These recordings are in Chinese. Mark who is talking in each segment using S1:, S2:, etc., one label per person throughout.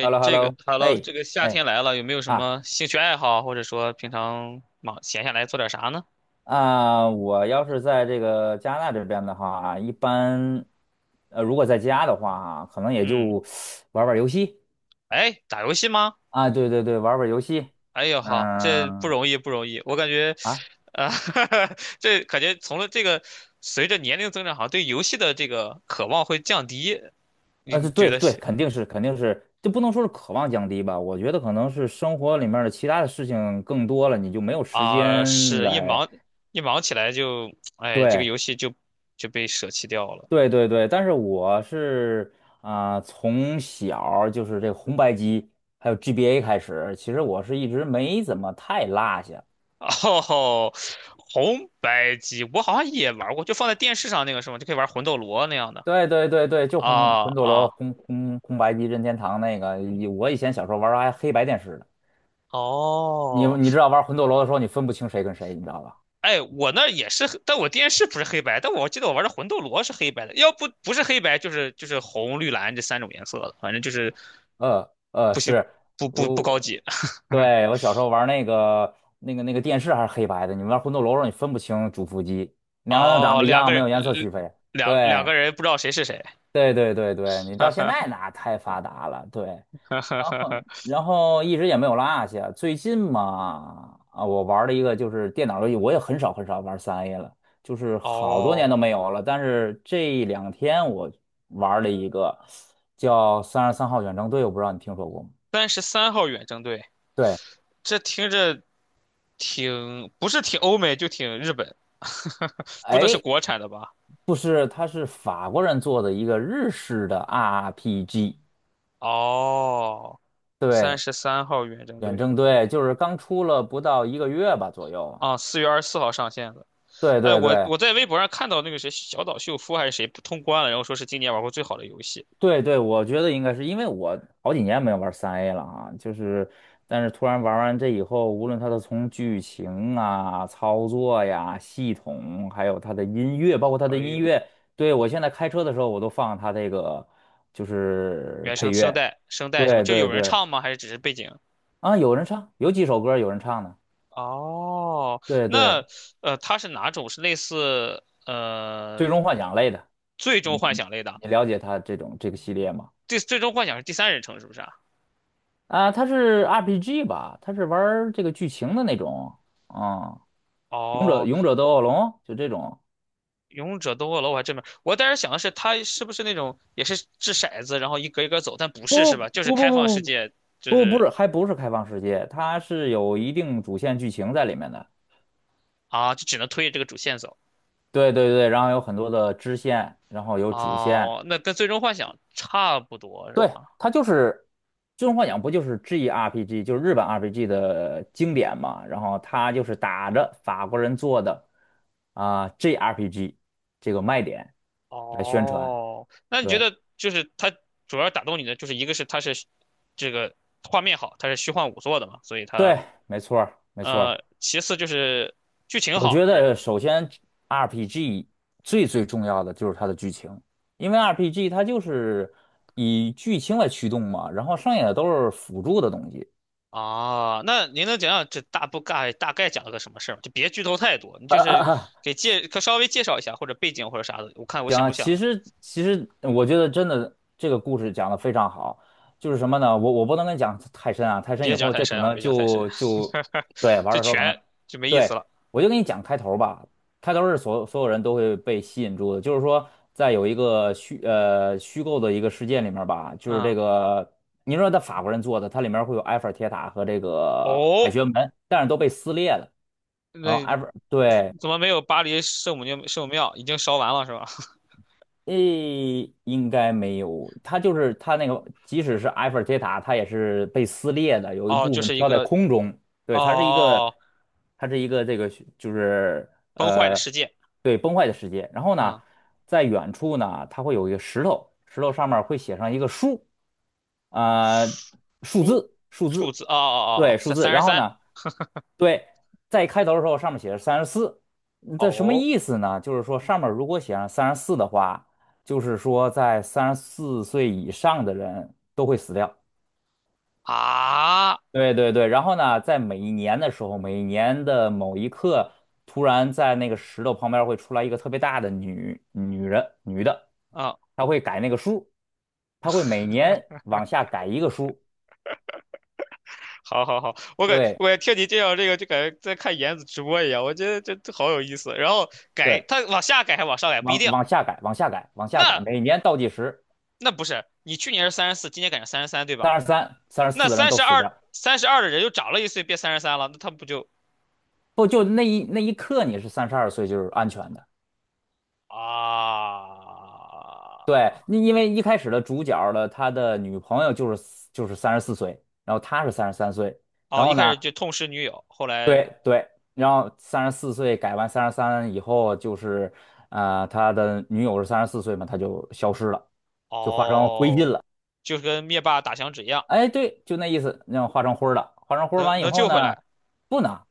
S1: h e l l o h e l l
S2: 这个
S1: o
S2: 哈喽，
S1: 哎
S2: 这个夏
S1: 哎
S2: 天来了，有没有什
S1: 啊
S2: 么兴趣爱好，或者说平常忙闲下来做点啥呢？
S1: 啊！我要是在这个加拿大这边的话啊，一般如果在家的话啊可能也
S2: 嗯，
S1: 就玩玩游戏
S2: 哎，打游戏吗？
S1: 啊，对对对，玩玩游戏，
S2: 哎呦好，这不
S1: 嗯
S2: 容易不容易，我感觉，
S1: 啊
S2: 啊、这感觉从了这个随着年龄增长，好像对游戏的这个渴望会降低。你你觉
S1: 对
S2: 得
S1: 对，
S2: 是
S1: 肯定是肯定是，就不能说是渴望降低吧，我觉得可能是生活里面的其他的事情更多了，你就没有时
S2: 啊、
S1: 间
S2: 是一
S1: 来。
S2: 忙一忙起来就，哎，这个
S1: 对
S2: 游戏就被舍弃掉了。
S1: 对对对，但是我是啊、从小儿就是这红白机还有 GBA 开始，其实我是一直没怎么太落下。
S2: 哦，吼，红白机我好像也玩过，就放在电视上那个是吗？就可以玩魂斗罗那样的。
S1: 对对对对，就
S2: 啊
S1: 魂斗罗、
S2: 啊
S1: 红白机、任天堂那个，我以前小时候玩儿还黑白电视呢。你
S2: 哦，
S1: 你知道玩魂斗罗的时候，你分不清谁跟谁，你知道吧？
S2: 哎，我那儿也是，但我电视不是黑白，但我记得我玩的魂斗罗是黑白的，要不不是黑白就是红绿蓝这三种颜色的，反正就是不是
S1: 是。
S2: 不
S1: 我
S2: 高级。
S1: 对我小时候玩那个电视还是黑白的，你玩魂斗罗的时候你分不清主副机，两个人长
S2: 哦，
S1: 得一
S2: 两个
S1: 样，没
S2: 人，
S1: 有颜色区分。
S2: 两
S1: 对
S2: 个人不知道谁是谁。
S1: 对对对对，你到现在那太发达了，对，然后一直也没有落下。最近嘛，啊，我玩了一个就是电脑游戏，我也很少很少玩三 A 了，就是 好多年
S2: 哦，
S1: 都没有了。但是这两天我玩了一个叫《三十三号远征队》，我不知道你听说过吗？
S2: 三十三号远征队，
S1: 对，
S2: 这听着。挺不是挺欧美就挺日本，不能是
S1: 哎，
S2: 国产的吧？
S1: 不是，它是法国人做的一个日式的 RPG，
S2: 哦，三
S1: 对，
S2: 十三号远征
S1: 远
S2: 队
S1: 征队就是刚出了不到1个月吧左右。
S2: 啊，4月24号上线的。
S1: 对
S2: 哎，
S1: 对
S2: 我
S1: 对，
S2: 我在微博上看到那个谁小岛秀夫还是谁不通关了，然后说是今年玩过最好的游戏。
S1: 对对，我觉得应该是因为我好几年没有玩三 A 了啊，就是，但是突然玩完这以后，无论它的从剧情啊、操作呀、系统，还有它的音乐，包括它的
S2: 哎
S1: 音
S2: 呦，
S1: 乐，对，我现在开车的时候我都放它这个就是
S2: 原
S1: 配
S2: 声声
S1: 乐，
S2: 带声带什么？
S1: 对
S2: 就
S1: 对
S2: 有人
S1: 对，
S2: 唱吗？还是只是背景？
S1: 啊，有人唱，有几首歌有人唱的，
S2: 哦，
S1: 对
S2: 那
S1: 对，
S2: 它是哪种？是类似
S1: 最终幻想类的，
S2: 最终
S1: 嗯
S2: 幻想类的？
S1: 你了解它这个系列吗？
S2: 最终幻想是第三人称是不是啊？
S1: 啊，它是 RPG 吧？它是玩儿这个剧情的那种啊，勇者
S2: 哦，
S1: 勇者斗恶龙就这种。
S2: 勇者斗恶龙我还真没，我当时想的是他是不是那种也是掷骰子，然后一格一格走，但不是
S1: 不
S2: 是
S1: 不
S2: 吧？就是
S1: 不
S2: 开放
S1: 不
S2: 世
S1: 不
S2: 界，就
S1: 不，不
S2: 是
S1: 是，还不是开放世界，它是有一定主线剧情在里面的。
S2: 啊，就只能推着这个主线走。
S1: 对对对，然后有很多的支线，然后有主线。
S2: 哦，那跟最终幻想差不多是
S1: 对，
S2: 吧？
S1: 它就是《最终幻想》，不就是 GRPG，就是日本 RPG 的经典嘛？然后它就是打着法国人做的啊、GRPG 这个卖点来宣传。
S2: 哦，那你觉
S1: 对。
S2: 得就是它主要打动你的就是一个是它是这个画面好，它是虚幻5做的嘛，所以它
S1: 对，没错儿，没错儿。
S2: 其次就是剧情
S1: 我
S2: 好，
S1: 觉得首先 RPG 最最重要的就是它的剧情，因为 RPG 它就是以剧情来驱动嘛，然后剩下的都是辅助的东西。
S2: 哦，那您能讲讲这大不概大概讲了个什么事儿吗？就别剧透太多，你就是 可稍微介绍一下或者背景或者啥的，我看我
S1: 行
S2: 想
S1: 啊，
S2: 不
S1: 其
S2: 想，
S1: 实其实我觉得真的这个故事讲的非常好，就是什么呢？我不能跟你讲太深啊，太深以
S2: 别讲
S1: 后
S2: 太
S1: 这可
S2: 深啊，
S1: 能
S2: 别讲太深，
S1: 就对 玩
S2: 就
S1: 的时候可能
S2: 全就没意思
S1: 对
S2: 了。
S1: 我就跟你讲开头吧，开头是所有人都会被吸引住的，就是说在有一个虚构的一个事件里面吧，就是这
S2: 嗯，
S1: 个你说他法国人做的，它里面会有埃菲尔铁塔和这个凯
S2: 哦，
S1: 旋门，但是都被撕裂了，然后
S2: 那
S1: 埃菲尔对。
S2: 怎么没有巴黎圣母庙？圣母庙已经烧完了是吧？
S1: 诶，应该没有。它就是它那个，即使是埃菲尔铁塔，它也是被撕裂的，有一
S2: 哦，
S1: 部
S2: 就
S1: 分
S2: 是一
S1: 飘在
S2: 个
S1: 空中。对，
S2: 哦
S1: 它是一个，
S2: 哦，哦
S1: 它是一个这个就是
S2: 崩坏的
S1: 呃，
S2: 世界。
S1: 对，崩坏的世界。然后呢，
S2: 嗯，
S1: 在远处呢，它会有一个石头，石头上面会写上一个数，呃，数
S2: 数
S1: 字，数
S2: 数
S1: 字，
S2: 字哦哦哦，
S1: 对，数
S2: 三
S1: 字。
S2: 三十
S1: 然后
S2: 三。
S1: 呢？对，在开头的时候上面写着三十四，嗯这什么
S2: 哦
S1: 意思呢？就是说上面如果写上三十四的话，就是说在三十四岁以上的人都会死掉。
S2: 啊
S1: 对对对，然后呢，在每一年的时候，每一年的某一刻，突然在那个石头旁边会出来一个特别大的女人，女的，
S2: 啊
S1: 她会改那个数，她会每年往下改一个数，
S2: 好好好，
S1: 对
S2: 我感觉听你介绍这个就感觉在看妍子直播一样，我觉得这好有意思。然后改，
S1: 对，
S2: 他往下改还往上改不一
S1: 往
S2: 定，
S1: 往下改，往下改，往下改，
S2: 那
S1: 每年倒计时。
S2: 那不是你去年是34，今年改成三十三对吧？
S1: 三十三、三十
S2: 那
S1: 四的人
S2: 三
S1: 都
S2: 十
S1: 死
S2: 二
S1: 掉，
S2: 三十二的人又长了一岁，变三十三了，那他不就
S1: 不就那一刻你是32岁就是安全的。对，
S2: 啊？
S1: 因为一开始的主角的他的女朋友就是三十四岁，然后他是33岁，然
S2: 哦，
S1: 后
S2: 一开
S1: 呢，
S2: 始就痛失女友，后来
S1: 对对，然后三十四岁改完三十三以后就是他的女友是三十四岁嘛，他就消失了，就化成灰烬
S2: 哦，
S1: 了。
S2: 就是跟灭霸打响指一样，
S1: 哎，对，就那意思，那样化成灰儿了。化成灰儿
S2: 能
S1: 完以
S2: 能
S1: 后
S2: 救回
S1: 呢，
S2: 来
S1: 不能，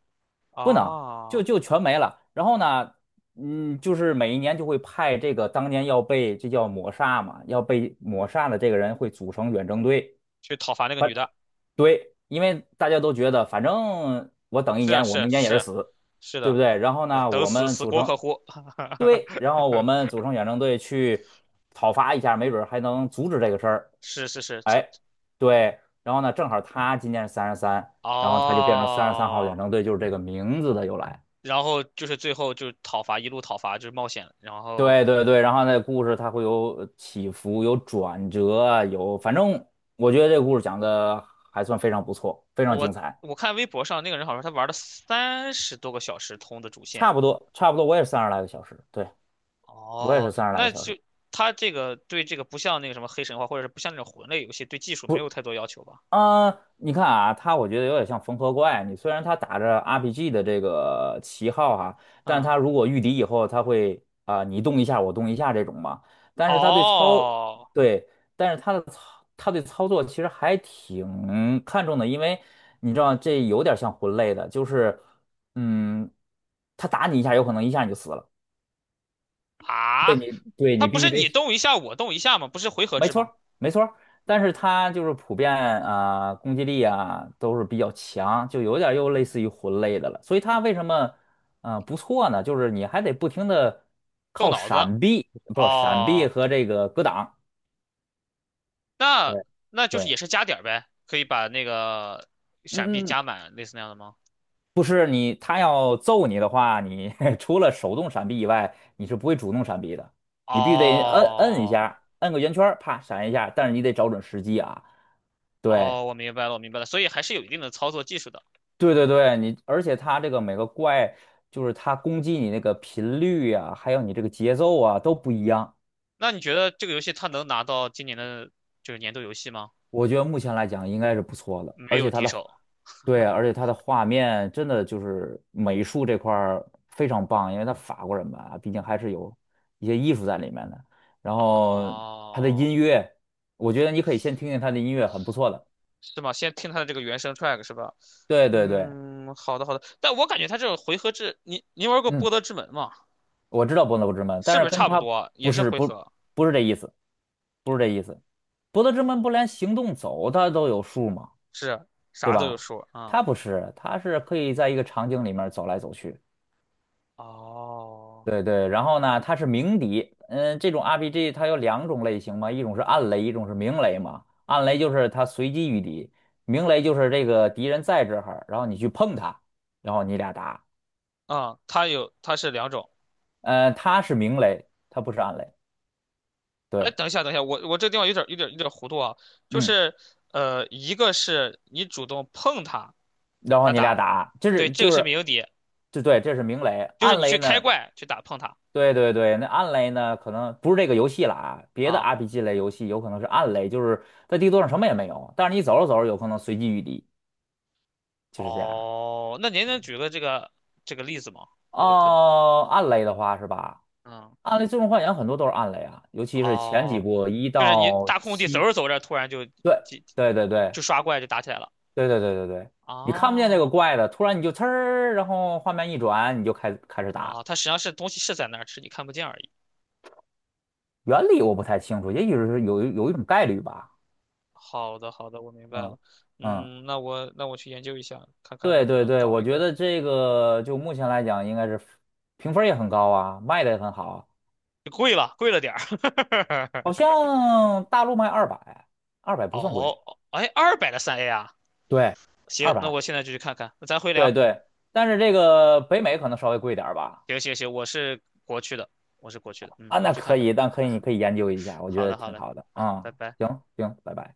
S1: 不能，就
S2: 啊？
S1: 就全没了。然后呢，嗯，就是每一年就会派这个当年要被这叫抹杀嘛，要被抹杀的这个人会组成远征队。
S2: 去讨伐那个女
S1: 反
S2: 的，
S1: 对，因为大家都觉得，反正我等一
S2: 是啊
S1: 年，
S2: 是
S1: 我
S2: 啊
S1: 明年也
S2: 是
S1: 是
S2: 啊
S1: 死，
S2: 是
S1: 对不
S2: 的。
S1: 对？然后
S2: 对，
S1: 呢，
S2: 等
S1: 我
S2: 死
S1: 们
S2: 死
S1: 组
S2: 锅
S1: 成
S2: 可乎，
S1: 对，然后我们组成远征队去讨伐一下，没准儿还能阻止这个事儿。
S2: 是是是，扯
S1: 哎，对，然后呢，正好他今年是三十三，然后他就变成三十三号远
S2: 哦，
S1: 征队，就是这个名字的由来。
S2: 然后就是最后就讨伐，一路讨伐就是冒险，然后
S1: 对对对，然后那故事它会有起伏，有转折，有，反正我觉得这个故事讲的还算非常不错，非
S2: 哦
S1: 常精
S2: 我
S1: 彩。
S2: 我看微博上那个人好像他玩了30多个小时通的主线，
S1: 差不多，差不多，我也是三十来个小时，对，我也是
S2: 哦，
S1: 三十来个
S2: 那
S1: 小时。
S2: 就他这个对这个不像那个什么黑神话或者是不像那种魂类游戏对技术没有
S1: 不。
S2: 太多要求吧？
S1: 啊、你看啊，我觉得有点像缝合怪。你虽然他打着 RPG 的这个旗号哈、但
S2: 嗯，
S1: 他如果御敌以后，他会啊、你动一下我动一下这种嘛。但是他对操，
S2: 哦
S1: 对，但是他的操，他对操作其实还挺看重的，因为你知道这有点像魂类的，就是嗯，他打你一下，有可能一下你就死了。
S2: 啊，
S1: 对
S2: 他
S1: 你
S2: 不
S1: 必
S2: 是
S1: 须得。
S2: 你动一下我动一下吗？不是回合
S1: 没
S2: 制
S1: 错
S2: 吗？
S1: 儿，没错儿，但是它就是普遍啊、攻击力啊都是比较强，就有点儿又类似于魂类的了。所以它为什么不错呢？就是你还得不停的
S2: 动
S1: 靠
S2: 脑子
S1: 闪避，不闪避
S2: 哦。
S1: 和这个格挡。
S2: 那
S1: 对
S2: 那就是
S1: 对，
S2: 也是加点儿呗，可以把那个闪避
S1: 嗯嗯，
S2: 加满，类似那样的吗？
S1: 不是你，他要揍你的话，你 除了手动闪避以外，你是不会主动闪避的，你必须得摁一
S2: 哦
S1: 下，摁个圆圈儿啪闪一下，但是你得找准时机啊。对，
S2: 哦，我明白了，我明白了，所以还是有一定的操作技术的。
S1: 对对对，你而且它这个每个怪，就是它攻击你那个频率啊，还有你这个节奏啊都不一样。
S2: 那你觉得这个游戏它能拿到今年的就是年度游戏吗？
S1: 我觉得目前来讲应该是不错的，
S2: 没
S1: 而
S2: 有
S1: 且它
S2: 敌
S1: 的
S2: 手。
S1: 对，而且它的画面真的就是美术这块儿非常棒，因为它法国人嘛，毕竟还是有一些艺术在里面的。然后它的
S2: 哦，
S1: 音乐，我觉得你可以先听听它的音乐，很不错的。
S2: 是吗？先听它的这个原声 track 是吧？
S1: 对对对，
S2: 嗯，好的好的。但我感觉它这个回合制，你玩过
S1: 嗯，
S2: 《波德之门》吗？
S1: 我知道《伯乐不知门》，但
S2: 是不是
S1: 是跟
S2: 差不
S1: 它
S2: 多？也
S1: 不
S2: 是
S1: 是
S2: 回
S1: 不
S2: 合，
S1: 不是这意思，不是这意思。博德之门不连行动走它都有数吗？
S2: 是
S1: 对
S2: 啥都有
S1: 吧？
S2: 数啊。
S1: 它不是，它是可以在一个场景里面走来走去。
S2: 哦。
S1: 对对，然后呢，它是鸣笛。嗯，这种 RPG 它有2种类型嘛，一种是暗雷，一种是明雷嘛。暗雷就是它随机遇敌，明雷就是这个敌人在这儿，然后你去碰它，然后你俩打。
S2: 啊，它有，它是两种。
S1: 它是明雷，它不是暗雷。
S2: 哎，
S1: 对，
S2: 等一下，等一下，我这个地方有点糊涂啊，就
S1: 嗯，
S2: 是一个是你主动碰它，
S1: 然后
S2: 它
S1: 你俩
S2: 打，
S1: 打，这
S2: 对，
S1: 是
S2: 这个
S1: 就
S2: 是
S1: 是，
S2: 鸣底，
S1: 就对，这是明雷，
S2: 就是
S1: 暗
S2: 你去
S1: 雷
S2: 开
S1: 呢？
S2: 怪去打碰它
S1: 对对对，那暗雷呢，可能不是这个游戏了啊，别的
S2: 啊。
S1: RPG 类游戏有可能是暗雷，就是在地图上什么也没有，但是你走着走着有可能随机遇敌，就是这样。
S2: 哦，那您能举个这个例子吗？我可能，
S1: 哦、暗雷的话是吧？
S2: 嗯，
S1: 暗雷最终幻想很多都是暗雷啊，尤其是前几
S2: 哦，
S1: 部一
S2: 就是你
S1: 到
S2: 大空地走
S1: 七，
S2: 着走着，突然就
S1: 对对对对
S2: 就刷怪就打起来了。
S1: 对对对对对，你看不见这个
S2: 哦，
S1: 怪的，突然你就呲儿，然后画面一转，你就开始
S2: 哦，
S1: 打。
S2: 它实际上是东西是在那儿，只是你看不见而已。
S1: 原理我不太清楚，也许是有一种概率吧。
S2: 好的，好的，我明白
S1: 嗯
S2: 了。
S1: 嗯。
S2: 嗯，那我去研究一下，看看
S1: 对
S2: 能不
S1: 对
S2: 能
S1: 对，
S2: 搞
S1: 我
S2: 一
S1: 觉
S2: 个。
S1: 得这个就目前来讲，应该是评分儿也很高啊，卖的也很好，
S2: 贵了，贵了点儿。
S1: 好 像大陆卖二百，二百不算
S2: 哦，
S1: 贵，
S2: 哎，200的3A 啊，
S1: 对，二
S2: 行，那
S1: 百，
S2: 我现在就去看看。那咱回
S1: 对
S2: 聊。
S1: 对，但是这个北美可能稍微贵点儿吧，
S2: 行行行，我是国区的，我是国区的。嗯，
S1: 啊，
S2: 那我
S1: 那
S2: 去看
S1: 可
S2: 看。
S1: 以，但可以，你可以研究一下，我觉
S2: 好
S1: 得
S2: 的，好
S1: 挺
S2: 嘞。
S1: 好的
S2: 嗯，
S1: 啊，
S2: 拜拜。
S1: 行行，拜拜。